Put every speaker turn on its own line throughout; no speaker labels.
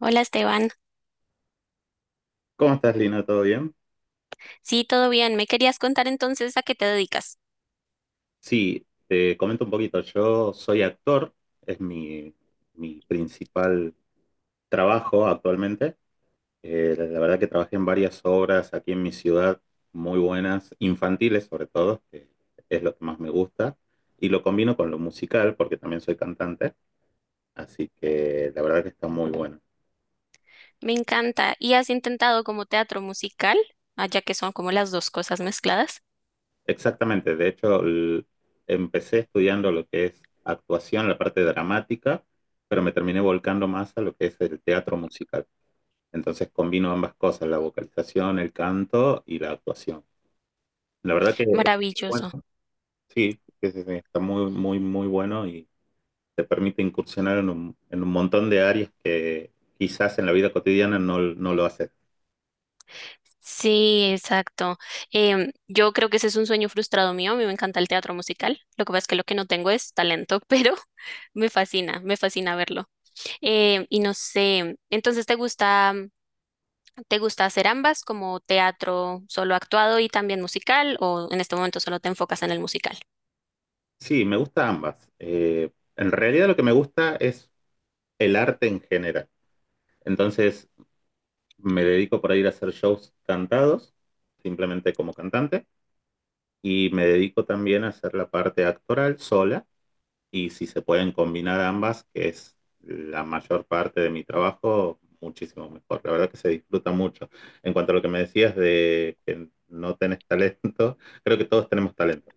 Hola Esteban,
¿Cómo estás, Lina? ¿Todo bien?
sí, todo bien. ¿Me querías contar entonces a qué te dedicas?
Sí, te comento un poquito. Yo soy actor, es mi principal trabajo actualmente. La verdad que trabajé en varias obras aquí en mi ciudad, muy buenas, infantiles sobre todo, que es lo que más me gusta. Y lo combino con lo musical, porque también soy cantante, así que la verdad que está muy bueno.
Me encanta. ¿Y has intentado como teatro musical? Ah, ya que son como las dos cosas mezcladas.
Exactamente, de hecho empecé estudiando lo que es actuación, la parte dramática, pero me terminé volcando más a lo que es el teatro musical. Entonces combino ambas cosas, la vocalización, el canto y la actuación. La verdad que, bueno,
Maravilloso.
sí, sí, sí, sí, está muy, muy, muy bueno y te permite incursionar en en un montón de áreas que quizás en la vida cotidiana no, no lo haces.
Sí, exacto. Yo creo que ese es un sueño frustrado mío. A mí me encanta el teatro musical. Lo que pasa es que lo que no tengo es talento, pero me fascina verlo. Y no sé, entonces te gusta hacer ambas como teatro solo actuado y también musical o en este momento solo te enfocas en el musical?
Sí, me gusta ambas. En realidad lo que me gusta es el arte en general. Entonces, me dedico por ir a hacer shows cantados, simplemente como cantante, y me dedico también a hacer la parte actoral sola, y si se pueden combinar ambas, que es la mayor parte de mi trabajo, muchísimo mejor. La verdad que se disfruta mucho. En cuanto a lo que me decías de que no tenés talento, creo que todos tenemos talento.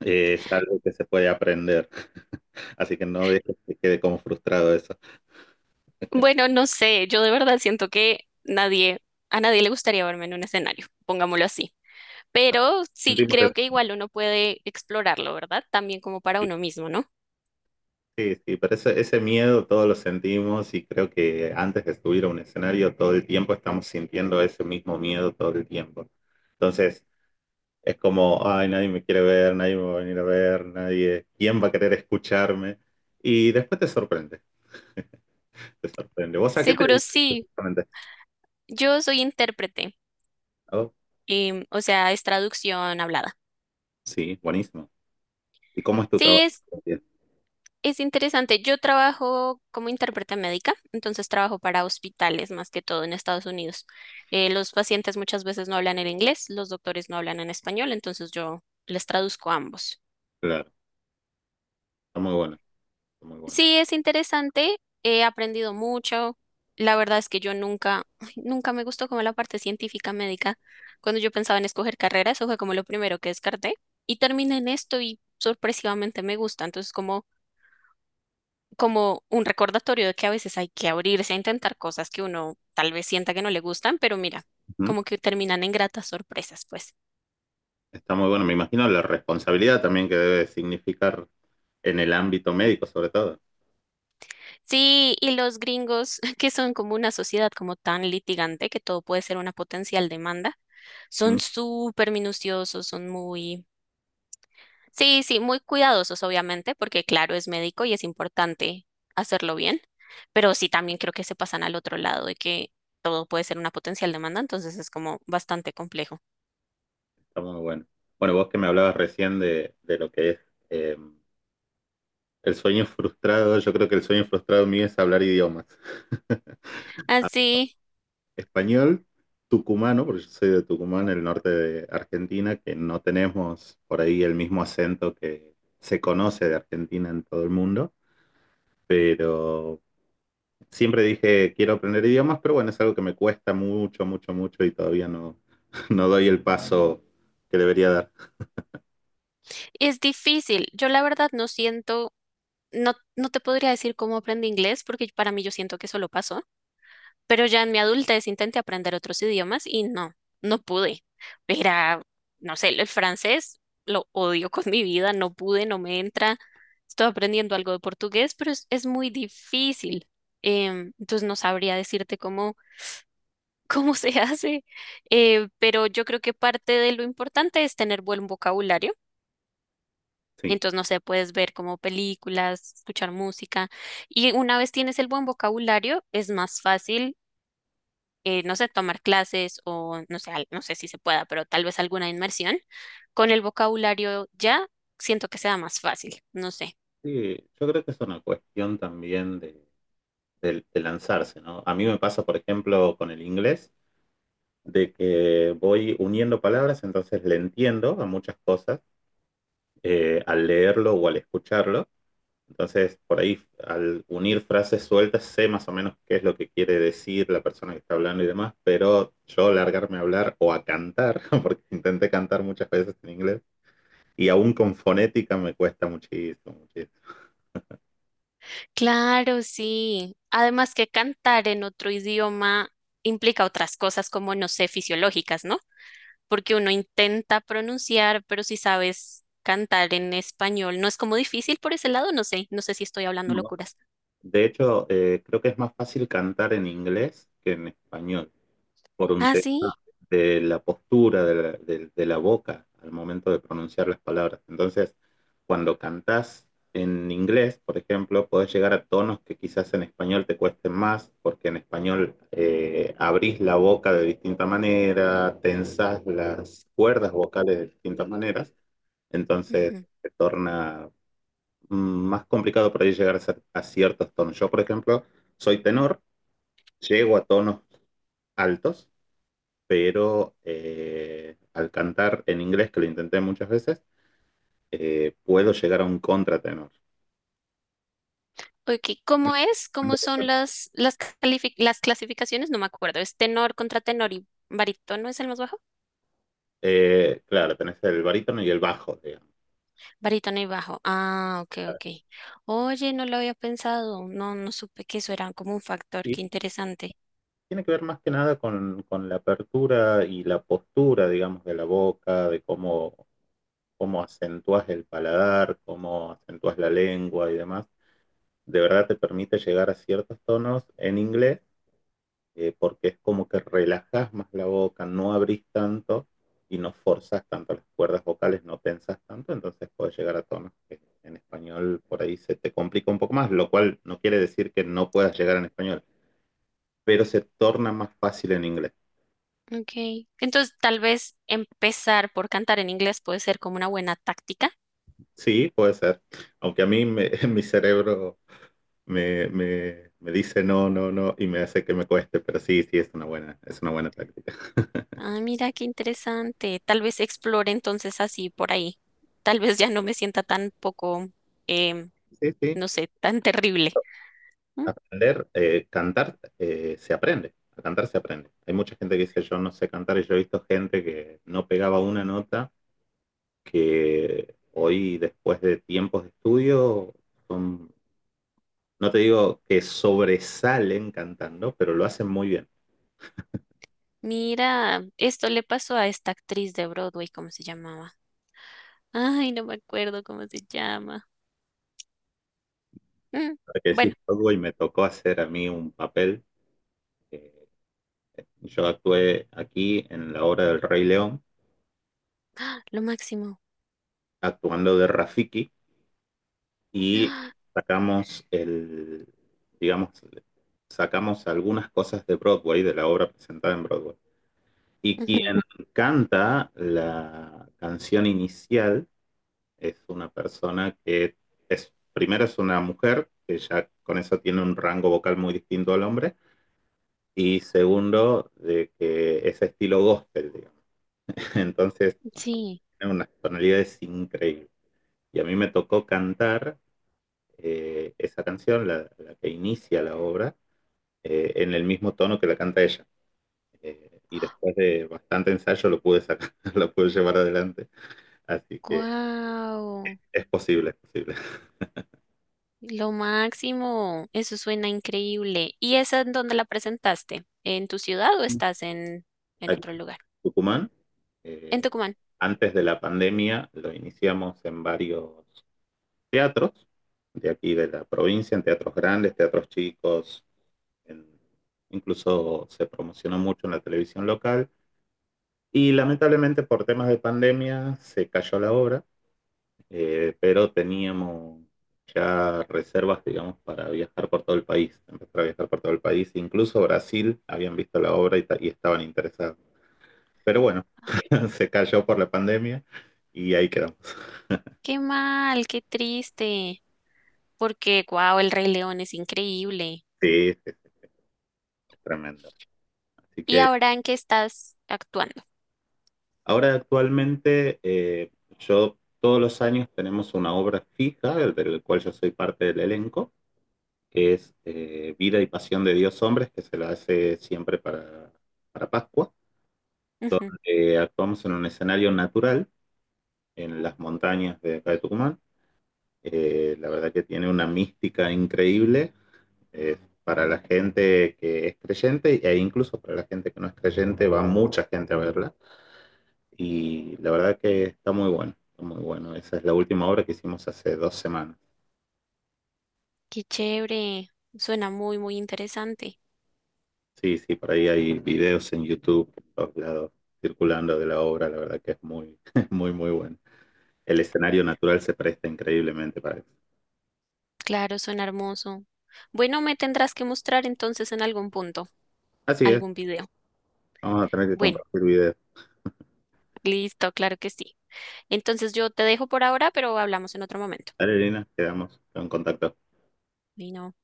Es algo que se puede aprender. Así que no dejes que quede como frustrado eso.
Bueno, no sé, yo de verdad siento que nadie, a nadie le gustaría verme en un escenario, pongámoslo así. Pero sí
Sentimos
creo
eso.
que igual uno puede explorarlo, ¿verdad? También como para uno mismo, ¿no?
Sí, sí, pero ese miedo todos lo sentimos y creo que antes de subir a un escenario todo el tiempo estamos sintiendo ese mismo miedo todo el tiempo. Entonces es como, ay, nadie me quiere ver, nadie me va a venir a ver, nadie, ¿quién va a querer escucharme? Y después te sorprende, te sorprende. ¿Vos a qué te
Seguro
dedicas
sí,
exactamente?
yo soy intérprete,
Oh,
o sea, es traducción hablada.
sí, buenísimo. ¿Y cómo es tu
Sí,
trabajo? Bien.
es interesante. Yo trabajo como intérprete médica, entonces trabajo para hospitales más que todo en Estados Unidos. Los pacientes muchas veces no hablan en inglés, los doctores no hablan en español, entonces yo les traduzco a ambos.
Claro, está muy bueno, está muy bueno.
Sí, es interesante, he aprendido mucho. La verdad es que yo nunca, ay, nunca me gustó como la parte científica médica. Cuando yo pensaba en escoger carrera, eso fue como lo primero que descarté. Y terminé en esto y sorpresivamente me gusta. Entonces, como, como un recordatorio de que a veces hay que abrirse a intentar cosas que uno tal vez sienta que no le gustan, pero mira,
Ujú.
como que terminan en gratas sorpresas, pues.
Está muy bueno, me imagino la responsabilidad también que debe significar en el ámbito médico sobre todo.
Sí, y los gringos, que son como una sociedad como tan litigante que todo puede ser una potencial demanda. Son súper minuciosos, son muy, sí, sí, muy cuidadosos, obviamente, porque claro, es médico y es importante hacerlo bien, pero sí también creo que se pasan al otro lado de que todo puede ser una potencial demanda, entonces es como bastante complejo.
Está muy bueno. Bueno, vos que me hablabas recién de lo que es eh, el sueño frustrado, yo creo que el sueño frustrado mío es hablar idiomas.
Así,
Español, tucumano, porque yo soy de Tucumán, el norte de Argentina, que no tenemos por ahí el mismo acento que se conoce de Argentina en todo el mundo, pero siempre dije quiero aprender idiomas, pero bueno, es algo que me cuesta mucho, mucho, mucho y todavía no, no doy el paso que debería dar.
es difícil. Yo la verdad no siento, no, no te podría decir cómo aprendí inglés, porque para mí yo siento que solo pasó. Pero ya en mi adultez intenté aprender otros idiomas y no, no pude. Era, no sé, el francés lo odio con mi vida, no pude, no me entra. Estoy aprendiendo algo de portugués, pero es muy difícil. Entonces no sabría decirte cómo, cómo se hace. Pero yo creo que parte de lo importante es tener buen vocabulario.
Sí.
Entonces, no sé, puedes ver como películas, escuchar música. Y una vez tienes el buen vocabulario, es más fácil no sé, tomar clases o no sé, al- no sé si se pueda, pero tal vez alguna inmersión, con el vocabulario ya siento que sea más fácil, no sé.
Sí, yo creo que es una cuestión también de de lanzarse, ¿no? A mí me pasa, por ejemplo, con el inglés, de que voy uniendo palabras, entonces le entiendo a muchas cosas al leerlo o al escucharlo. Entonces, por ahí, al unir frases sueltas, sé más o menos qué es lo que quiere decir la persona que está hablando y demás, pero yo largarme a hablar o a cantar, porque intenté cantar muchas veces en inglés, y aún con fonética me cuesta muchísimo, muchísimo.
Claro, sí. Además que cantar en otro idioma implica otras cosas como, no sé, fisiológicas, ¿no? Porque uno intenta pronunciar, pero si sabes cantar en español, no es como difícil por ese lado, no sé, no sé si estoy hablando
No.
locuras.
De hecho, creo que es más fácil cantar en inglés que en español, por un
Ah,
tema
sí.
de la postura de de la boca al momento de pronunciar las palabras. Entonces, cuando cantás en inglés, por ejemplo, podés llegar a tonos que quizás en español te cuesten más, porque en español abrís la boca de distinta manera, tensás las cuerdas vocales de distintas maneras, entonces se torna más complicado por ahí llegar a, a ciertos tonos. Yo, por ejemplo, soy tenor, llego a tonos altos, pero al cantar en inglés, que lo intenté muchas veces, puedo llegar a un contratenor.
Ok, ¿cómo es? ¿Cómo son las, califi- las clasificaciones? No me acuerdo. ¿Es tenor contra tenor y barítono es el más bajo?
Claro, tenés el barítono y el bajo, digamos.
Barítono y bajo. Ah, ok, ok. Oye, no lo había pensado. No, no supe que eso era como un factor.
Y
Qué interesante.
tiene que ver más que nada con la apertura y la postura, digamos, de la boca, de cómo, cómo acentúas el paladar, cómo acentúas la lengua y demás. De verdad te permite llegar a ciertos tonos en inglés porque es como que relajás más la boca, no abrís tanto y no forzas tanto las cuerdas vocales, no tensas tanto, entonces puedes llegar a tonos que en español por ahí se te complica un poco más, lo cual no quiere decir que no puedas llegar en español, pero se torna más fácil en inglés.
Ok. Entonces, tal vez empezar por cantar en inglés puede ser como una buena táctica.
Sí, puede ser, aunque a mí me, mi cerebro dice no, no, no, y me hace que me cueste, pero sí, sí, es una buena táctica.
Ah, mira, qué interesante. Tal vez explore entonces así por ahí. Tal vez ya no me sienta tan poco, em,
Sí, sí,
no sé, tan terrible. Mm.
aprender, cantar se aprende, a cantar se aprende. Hay mucha gente que dice yo no sé cantar y yo he visto gente que no pegaba una nota, que hoy después de tiempos de estudio son, no te digo que sobresalen cantando, pero lo hacen muy bien.
Mira, esto le pasó a esta actriz de Broadway, ¿cómo se llamaba? Ay, no me acuerdo cómo se llama. Mm,
Ahora que decís
bueno,
algo y me tocó hacer a mí un papel, eh, yo actué aquí en la obra del Rey León
¡ah! Lo máximo.
actuando de Rafiki y
¡Ah!
sacamos el, digamos, sacamos algunas cosas de Broadway, de la obra presentada en Broadway. Y
Ujú,
quien canta la canción inicial es una persona que es, primero es una mujer, que ya con eso tiene un rango vocal muy distinto al hombre, y segundo, de que es estilo gospel, digamos. Entonces
sí,
tiene unas tonalidades increíbles. Y a mí me tocó cantar esa canción, que inicia la obra, en el mismo tono que la canta ella. Y después de bastante ensayo lo pude sacar, lo pude llevar adelante. Así que
wow,
es posible, es posible.
lo máximo. Eso suena increíble. ¿Y esa en dónde la presentaste? ¿En tu ciudad o estás en
Aquí
otro
en
lugar?
Tucumán,
En
eh,
Tucumán.
antes de la pandemia, lo iniciamos en varios teatros de aquí de la provincia, en teatros grandes, teatros chicos, en, incluso se promocionó mucho en la televisión local. Y lamentablemente por temas de pandemia se cayó la obra, pero teníamos ya reservas, digamos, para viajar por todo el país, empezar a viajar por todo el país, incluso Brasil, habían visto la obra y estaban interesados. Pero bueno, se cayó por la pandemia y ahí quedamos.
Qué mal, qué triste. Porque, wow, El Rey León es increíble.
Sí, sí, es tremendo. Así
¿Y
que
ahora en qué estás actuando?
ahora actualmente yo todos los años tenemos una obra fija, del cual yo soy parte del elenco, que es Vida y Pasión de Dios Hombres, que se la hace siempre para Pascua.
Ujú,
Actuamos en un escenario natural, en las montañas de acá de Tucumán. La verdad que tiene una mística increíble. Eh, para la gente que es creyente e incluso para la gente que no es creyente, va mucha gente a verla. Y la verdad que está muy bueno, está muy bueno. Esa es la última obra que hicimos hace 2 semanas.
qué chévere, suena muy, muy interesante.
Sí, sí, por ahí hay videos en YouTube, por todos lados, circulando de la obra. La verdad que es muy, muy, muy bueno. El escenario natural se presta increíblemente para eso.
Claro, suena hermoso. Bueno, me tendrás que mostrar entonces en algún punto,
Así es.
algún video.
Vamos a tener que
Bueno,
compartir video.
listo, claro que sí. Entonces yo te dejo por ahora, pero hablamos en otro momento.
Dale, Elena, quedamos en contacto.
Bueno.